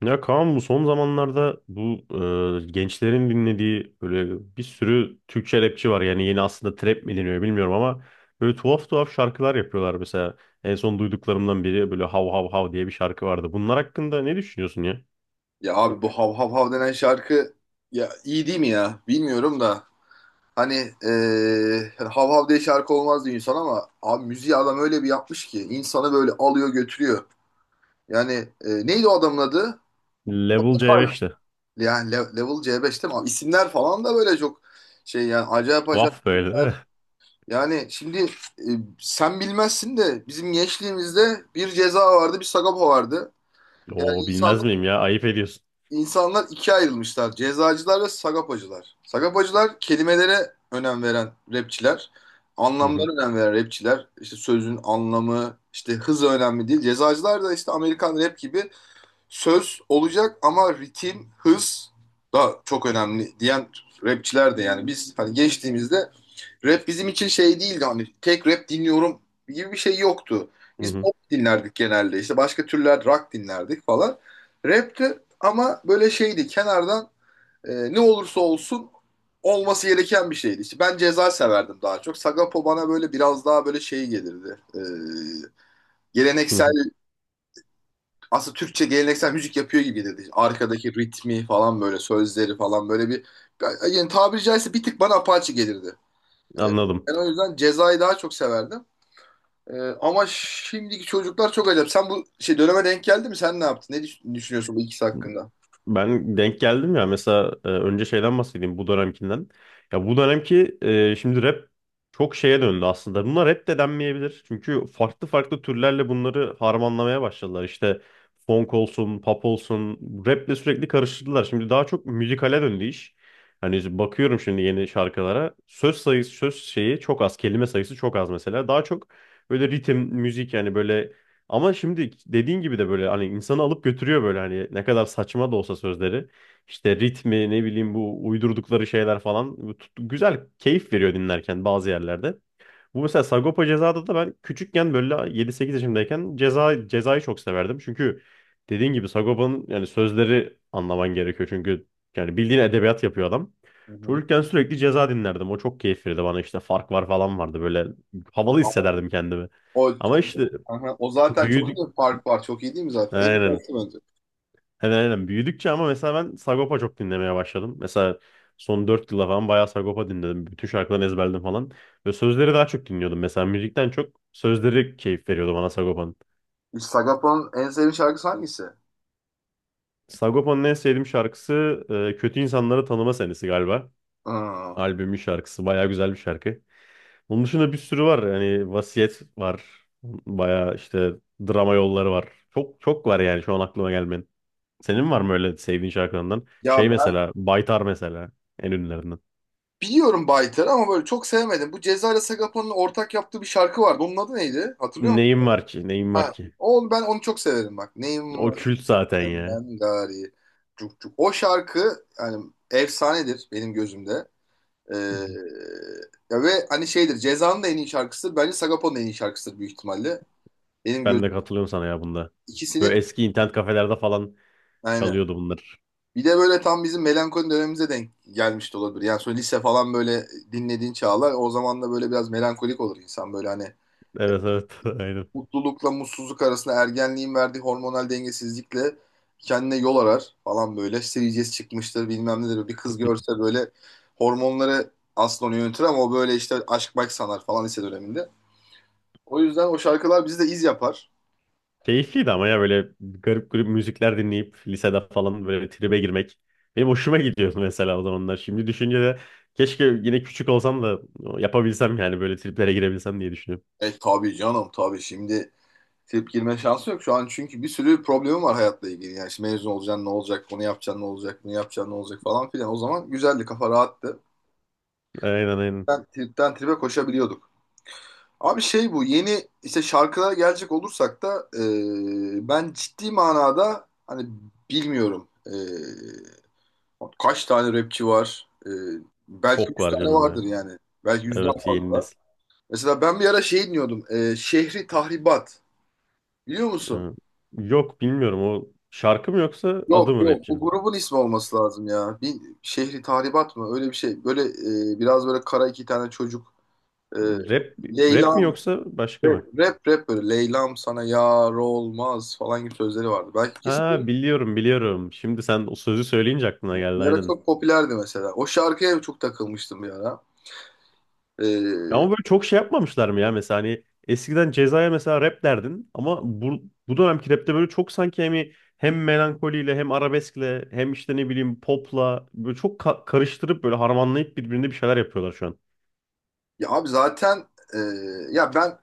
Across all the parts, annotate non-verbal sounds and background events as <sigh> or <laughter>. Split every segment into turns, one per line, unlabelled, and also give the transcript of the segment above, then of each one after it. Ya Kaan, bu son zamanlarda gençlerin dinlediği böyle bir sürü Türkçe rapçi var. Yani yeni aslında trap mi deniyor bilmiyorum ama böyle tuhaf tuhaf şarkılar yapıyorlar. Mesela en son duyduklarımdan biri böyle Hav Hav Hav diye bir şarkı vardı. Bunlar hakkında ne düşünüyorsun ya?
Ya abi bu hav hav hav denen şarkı ya iyi değil mi ya? Bilmiyorum da. Hani hani hav hav diye şarkı olmaz diyor insan ama abi müziği adam öyle bir yapmış ki insanı böyle alıyor götürüyor. Yani neydi o adamın adı?
Level c
Fay.
beşte.
Yani Level c beş değil mi? Abi isimler falan da böyle çok şey yani acayip acayip
Tuhaf böyle değil mi?
isimler. Yani şimdi e, sen bilmezsin de bizim gençliğimizde bir Ceza vardı, bir Sagopa vardı.
<laughs>
Yani
Oo, bilmez miyim ya? Ayıp ediyorsun.
insanlar ikiye ayrılmışlar. Cezacılar ve sagapacılar. Sagapacılar kelimelere önem veren rapçiler.
Hı hı.
Anlamlara önem veren rapçiler. İşte sözün anlamı, işte hız önemli değil. Cezacılar da işte Amerikan rap gibi söz olacak ama ritim, hız da çok önemli diyen rapçiler de. Yani biz hani geçtiğimizde rap bizim için şey değildi, hani tek rap dinliyorum gibi bir şey yoktu.
Hı
Biz
hı.
pop dinlerdik genelde, işte başka türler rock dinlerdik falan. Rapti ama böyle şeydi, kenardan ne olursa olsun olması gereken bir şeydi. İşte ben ceza severdim daha çok. Sagapo bana böyle biraz daha böyle şey gelirdi.
Hı
Geleneksel
hı.
aslında Türkçe geleneksel müzik yapıyor gibi gelirdi. İşte arkadaki ritmi falan, böyle sözleri falan böyle bir, yani tabiri caizse bir tık bana apaçı gelirdi. Ee,
Anladım.
Ben o yüzden Ceza'yı daha çok severdim. Ee, Ama şimdiki çocuklar çok acayip. Sen bu şey döneme denk geldi mi? Sen ne yaptın? Düşünüyorsun bu ikisi hakkında?
Ben denk geldim ya. Mesela önce şeyden bahsedeyim bu dönemkinden. Ya bu dönemki şimdi rap çok şeye döndü aslında. Bunlar rap de denmeyebilir. Çünkü farklı farklı türlerle bunları harmanlamaya başladılar. İşte funk olsun, pop olsun, raple sürekli karıştırdılar. Şimdi daha çok müzikale döndü iş. Hani bakıyorum şimdi yeni şarkılara. Söz sayısı, söz şeyi çok az, kelime sayısı çok az mesela. Daha çok böyle ritim, müzik, yani böyle, ama şimdi dediğin gibi de böyle hani insanı alıp götürüyor, böyle hani ne kadar saçma da olsa sözleri. İşte ritmi, ne bileyim, bu uydurdukları şeyler falan, bu güzel keyif veriyor dinlerken bazı yerlerde. Bu mesela Sagopa Ceza'da da ben küçükken, böyle 7-8 yaşındayken, Cezayı çok severdim. Çünkü dediğin gibi Sagopa'nın yani sözleri anlaman gerekiyor. Çünkü yani bildiğin edebiyat yapıyor adam.
Hı hı.
Çocukken sürekli Ceza dinlerdim. O çok keyif verirdi bana. İşte fark var falan vardı, böyle havalı
Ama
hissederdim kendimi.
o,
Ama işte
o, aha, o zaten çok iyi
büyüdük.
bir fark var. Çok iyi değil mi zaten? En iyi
Aynen.
şarkı bence.
Aynen aynen. Büyüdükçe ama mesela ben Sagopa çok dinlemeye başladım. Mesela son 4 yıla falan bayağı Sagopa dinledim. Bütün şarkılarını ezberledim falan. Ve sözleri daha çok dinliyordum. Mesela müzikten çok sözleri keyif veriyordu bana Sagopa'nın.
Sagopa'nın en sevdiğin şarkısı hangisi?
Sagopa'nın en sevdiğim şarkısı Kötü İnsanları Tanıma Senesi galiba.
Aa.
Albümün şarkısı. Bayağı güzel bir şarkı. Onun dışında bir sürü var. Yani Vasiyet var. Bayağı işte drama yolları var. Çok çok var yani şu an aklıma gelmeyen. Senin var mı öyle sevdiğin şarkılarından?
Ya
Şey
ben
mesela Baytar, mesela en ünlülerinden.
biliyorum Baytar'ı ama böyle çok sevmedim. Bu Ceza ile Sagopa'nın ortak yaptığı bir şarkı vardı. Onun adı neydi? Hatırlıyor musun?
Neyim var ki? Neyim
Ha,
var ki?
o, ben onu çok severim bak. Neyim
O
var
kült zaten ya.
senden gari. Cuk cuk. O şarkı yani efsanedir benim gözümde.
Hı
Ee,
hı.
Ya ve hani şeydir, Ceza'nın da en iyi şarkısıdır. Bence Sagapo'nun da en iyi şarkısıdır büyük ihtimalle. Benim
Ben de
gözüm
katılıyorum sana ya bunda.
ikisinin,
Böyle eski internet kafelerde falan
aynen.
çalıyordu bunlar.
Bir de böyle tam bizim melankoli dönemimize denk gelmiş de olabilir. Yani sonra lise falan böyle dinlediğin çağlar, o zaman da böyle biraz melankolik olur insan, böyle hani
Evet, evet, <laughs> aynen.
mutlulukla mutsuzluk arasında ergenliğin verdiği hormonal dengesizlikle kendine yol arar falan böyle. Seviyeceğiz çıkmıştır bilmem nedir. Bir kız görse böyle hormonları aslında onu yönetir ama o böyle işte aşk bak sanar falan lise döneminde. O yüzden o şarkılar bizi de iz yapar.
Keyifliydi ama ya, böyle garip garip müzikler dinleyip lisede falan böyle bir tribe girmek. Benim hoşuma gidiyordu <laughs> mesela o zamanlar. Şimdi düşünce de keşke yine küçük olsam da yapabilsem, yani böyle triplere girebilsem diye düşünüyorum.
E tabii canım, tabii. Şimdi trip girme şansı yok şu an çünkü bir sürü problemim var hayatla ilgili. Yani şimdi mezun olacaksın ne olacak, onu yapacaksın ne olacak, bunu yapacaksın ne olacak falan filan. O zaman güzeldi, kafa rahattı.
Aynen aynen.
Ben tripten trip'e koşabiliyorduk. Abi şey, bu yeni işte şarkılara gelecek olursak da ben ciddi manada hani bilmiyorum. Kaç tane rapçi var? Belki
Çok
100
var
tane
canım
vardır
ya.
yani. Belki yüzden
Evet, yeni
fazla.
nesil.
Mesela ben bir ara şey dinliyordum. E, Şehri Tahribat. Biliyor musun?
Ee, Yok, bilmiyorum, o şarkı mı yoksa
Yok
adı mı
yok, bu
rapçinin?
grubun ismi olması lazım ya. Bir Şehri Tahribat mı? Öyle bir şey. Böyle biraz böyle kara iki tane çocuk. E,
Rap, rap
Leyla,
mi yoksa başka
rap,
mı?
rap, rap, böyle Leyla'm sana yar olmaz falan gibi sözleri vardı. Belki kesin
Ha, biliyorum biliyorum. Şimdi sen o sözü söyleyince aklına geldi,
bir ara
aynen.
çok popülerdi mesela. O şarkıya çok takılmıştım bir ara.
Ya
Ee,
ama böyle çok şey yapmamışlar mı ya, mesela hani eskiden Ceza'ya mesela rap derdin, ama bu dönemki rapte böyle çok sanki hani hem melankoliyle hem arabeskle hem işte ne bileyim popla böyle çok karıştırıp böyle harmanlayıp birbirine bir şeyler yapıyorlar şu an.
Ya abi zaten e, ya ben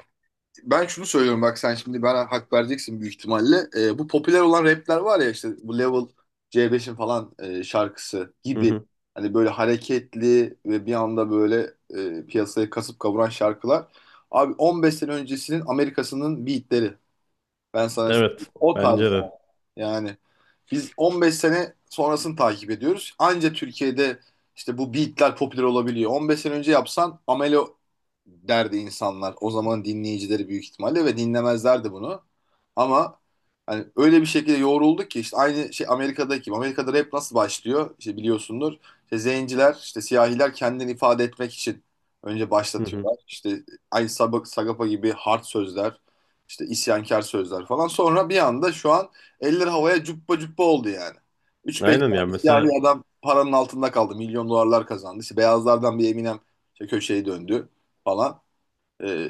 ben şunu söylüyorum bak, sen şimdi bana hak vereceksin büyük ihtimalle. Bu popüler olan rapler var ya, işte bu Level C5'in falan şarkısı
Hı
gibi.
hı.
Hani böyle hareketli ve bir anda böyle piyasayı kasıp kavuran şarkılar. Abi 15 sene öncesinin Amerika'sının beatleri. Ben sana söyleyeyim.
Evet,
O tarz
bence
abi.
de.
Yani biz 15 sene sonrasını takip ediyoruz. Anca Türkiye'de işte bu beatler popüler olabiliyor. 15 sene önce yapsan amelo derdi insanlar. O zaman dinleyicileri büyük ihtimalle ve dinlemezlerdi bunu. Ama hani öyle bir şekilde yoğrulduk ki işte aynı şey Amerika'daki gibi. Amerika'da rap nasıl başlıyor? İşte biliyorsundur. İşte zenciler, işte siyahiler kendini ifade etmek için önce
Hı hı.
başlatıyorlar. İşte aynı Sagapa gibi hard sözler, işte isyankar sözler falan. Sonra bir anda şu an eller havaya cuppa cuppa oldu yani. 3-5
Aynen ya,
tane siyahi
mesela
adam paranın altında kaldı. Milyon dolarlar kazandı. İşte beyazlardan bir Eminem işte köşeyi döndü falan. Ee,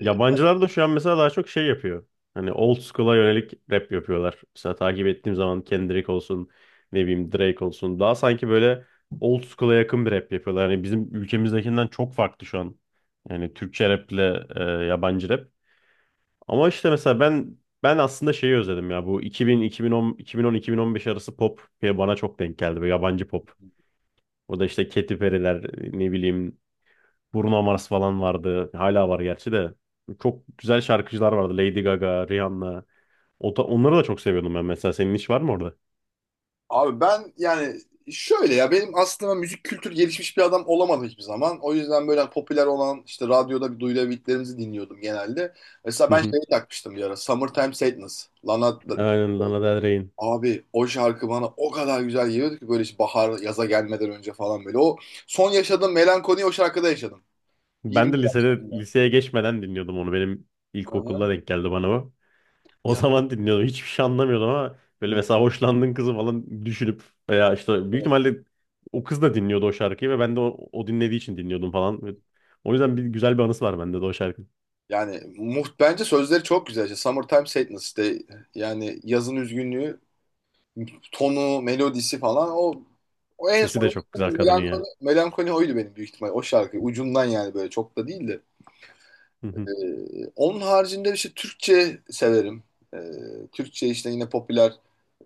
yabancılar da şu an mesela daha çok şey yapıyor. Hani old school'a yönelik rap yapıyorlar. Mesela takip ettiğim zaman Kendrick olsun, ne bileyim Drake olsun. Daha sanki böyle old school'a yakın bir rap yapıyorlar. Hani bizim ülkemizdekinden çok farklı şu an. Yani Türkçe rap ile yabancı rap. Ama işte mesela ben aslında şeyi özledim ya. Bu 2000, 2010, 2010, 2015 arası pop bana çok denk geldi. Böyle yabancı pop. O da işte Katy Perry'ler, ne bileyim Bruno Mars falan vardı. Hala var gerçi de. Çok güzel şarkıcılar vardı. Lady Gaga, Rihanna. Onları da çok seviyordum ben mesela. Senin hiç var mı orada?
Abi ben yani şöyle, ya benim aslında müzik kültür gelişmiş bir adam olamadım hiçbir zaman. O yüzden böyle popüler olan işte radyoda bir duyulabildiklerimizi dinliyordum genelde. Mesela
Hı
ben
hı.
şeyi takmıştım bir ara. Summertime Sadness. Lana.
Aynen, Lana Del Rey'in.
Abi o şarkı bana o kadar güzel geliyordu ki böyle işte bahar yaza gelmeden önce falan böyle. O son yaşadığım melankoliyi o şarkıda yaşadım.
Ben
20
de lisede,
yaşlarında.
liseye geçmeden dinliyordum onu. Benim
Aha.
ilkokulda denk geldi bana o. O
Ya,
zaman dinliyordum. Hiçbir şey anlamıyordum, ama böyle mesela hoşlandığın kızı falan düşünüp, veya işte büyük
evet.
ihtimalle o kız da dinliyordu o şarkıyı ve ben de o dinlediği için dinliyordum falan. Ve o yüzden bir güzel bir anısı var bende de o şarkının.
Yani muht bence sözleri çok güzel. İşte Summertime Sadness, işte yani yazın üzgünlüğü, tonu, melodisi falan, o o en
Sesi
son
de çok güzel kadının
melankoli,
ya.
melankoli oydu benim büyük ihtimal. O şarkı ucundan yani, böyle çok da değil de.
<laughs>
Onun haricinde işte Türkçe severim. Türkçe işte yine popüler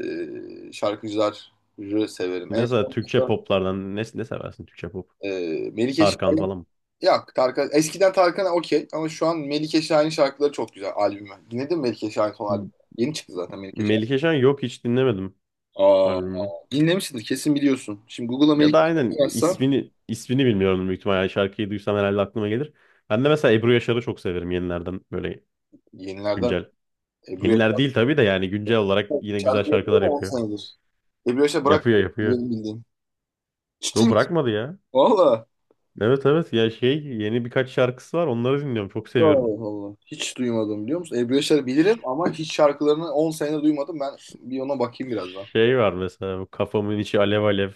şarkıcıları severim. En
Mesela
son
Türkçe
da
poplardan ne seversin Türkçe pop?
e, Melike
Tarkan
Şahin.
falan mı?
Yok. Tarkan, eskiden Tarkan okey ama şu an Melike Şahin şarkıları çok güzel, albümü. Dinledin mi Melike Şahin son albümü?
M-
Yeni çıktı zaten Melike Şahin.
Melike Şen, yok, hiç dinlemedim
Aa,
albümünü.
dinlemişsindir kesin, biliyorsun. Şimdi Google'a
Ya da
Melike Şahin
aynen,
yazsan
ismini bilmiyorum büyük ihtimalle. Yani şarkıyı duysam herhalde aklıma gelir. Ben de mesela Ebru Yaşar'ı çok severim, yenilerden, böyle
yenilerden
güncel.
Ebru
Yeniler
Yaşar.
değil tabii de, yani güncel olarak yine güzel
Şarkı yapıyor
şarkılar
mu 10
yapıyor.
senedir? Ebru Yaşar bırak
Yapıyor yapıyor.
benim bildiğim. Ciddi
Yo,
misin?
bırakmadı ya.
Valla.
Evet, evet ya, şey, yeni birkaç şarkısı var, onları dinliyorum, çok seviyorum.
Allah Allah. Hiç duymadım, biliyor musun? Ebru Yaşar'ı bilirim ama hiç şarkılarını 10 sene duymadım. Ben bir ona bakayım birazdan.
Şey var mesela, bu kafamın içi alev alev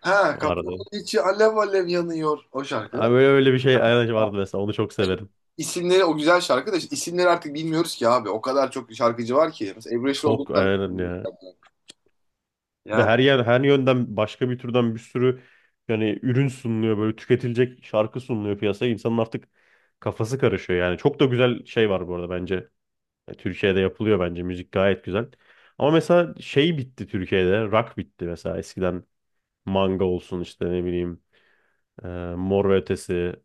Ha, kafamın
vardı.
içi alev alev yanıyor, o şarkı değil
Ha,
mi?
böyle öyle bir şey aynen
Ha,
vardı, mesela onu çok severim.
İsimleri o güzel şarkı da, işte isimleri artık bilmiyoruz ki abi. O kadar çok şarkıcı var ki. Mesela Ebru Yaşar
Çok,
olduktan
aynen ya. Bir de
yani,
her yer, her yönden başka bir türden bir sürü, yani ürün sunuluyor, böyle tüketilecek şarkı sunuluyor piyasaya. İnsanın artık kafası karışıyor yani. Çok da güzel şey var bu arada bence. Türkiye'de yapılıyor bence müzik gayet güzel. Ama mesela şey bitti Türkiye'de. Rock bitti mesela, eskiden manga olsun, işte ne bileyim, e, Mor ve Ötesi.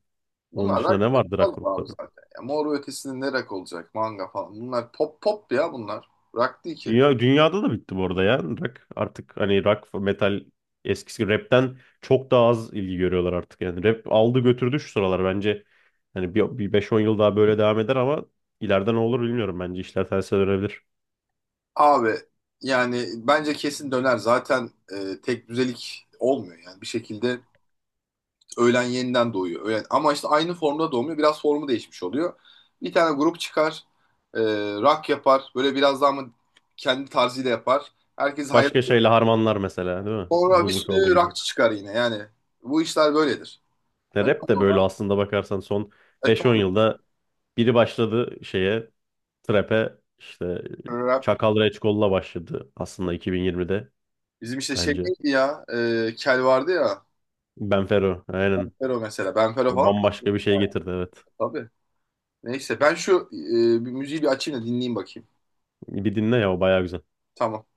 Onun
bunlar
dışında
rock
ne vardı rock
sayılmaz mı abi
grupları?
zaten. Ya, Mor ve Ötesi'nin ne rock olacak? Manga falan. Bunlar pop pop ya bunlar. Rock değil ki.
Dünya, dünyada da bitti bu arada ya. Rock artık, hani rock metal, eskisi gibi rapten çok daha az ilgi görüyorlar artık. Yani rap aldı götürdü şu sıralar bence. Hani bir 5-10 yıl daha böyle devam eder, ama ileride ne olur bilmiyorum, bence işler terse dönebilir.
Abi yani bence kesin döner. Zaten tek düzelik olmuyor yani, bir şekilde öğlen yeniden doğuyor. Öğlen. Ama işte aynı formda doğmuyor. Biraz formu değişmiş oluyor. Bir tane grup çıkar. E, Rock yapar. Böyle biraz daha mı kendi tarzıyla yapar. Herkes hayran.
Başka şeyle harmanlar mesela, değil mi?
Sonra bir
Bugünkü olduğu
sürü
gibi.
rockçı çıkar yine. Yani bu işler böyledir.
Ya rap
Önemli
de böyle
olan
aslında, bakarsan son beş on
eton
yılda biri başladı şeye, trap'e işte.
rap.
Çakal Reçkol'la başladı aslında 2020'de
Bizim işte şey
bence.
neydi ya? E, Kel vardı ya.
Ben Fero, aynen.
Benfero mesela. Benfero
O
falan.
bambaşka bir şey getirdi, evet.
Tabii. Neyse ben şu bir müziği bir açayım da dinleyeyim bakayım.
Bir dinle ya, o baya güzel.
Tamam.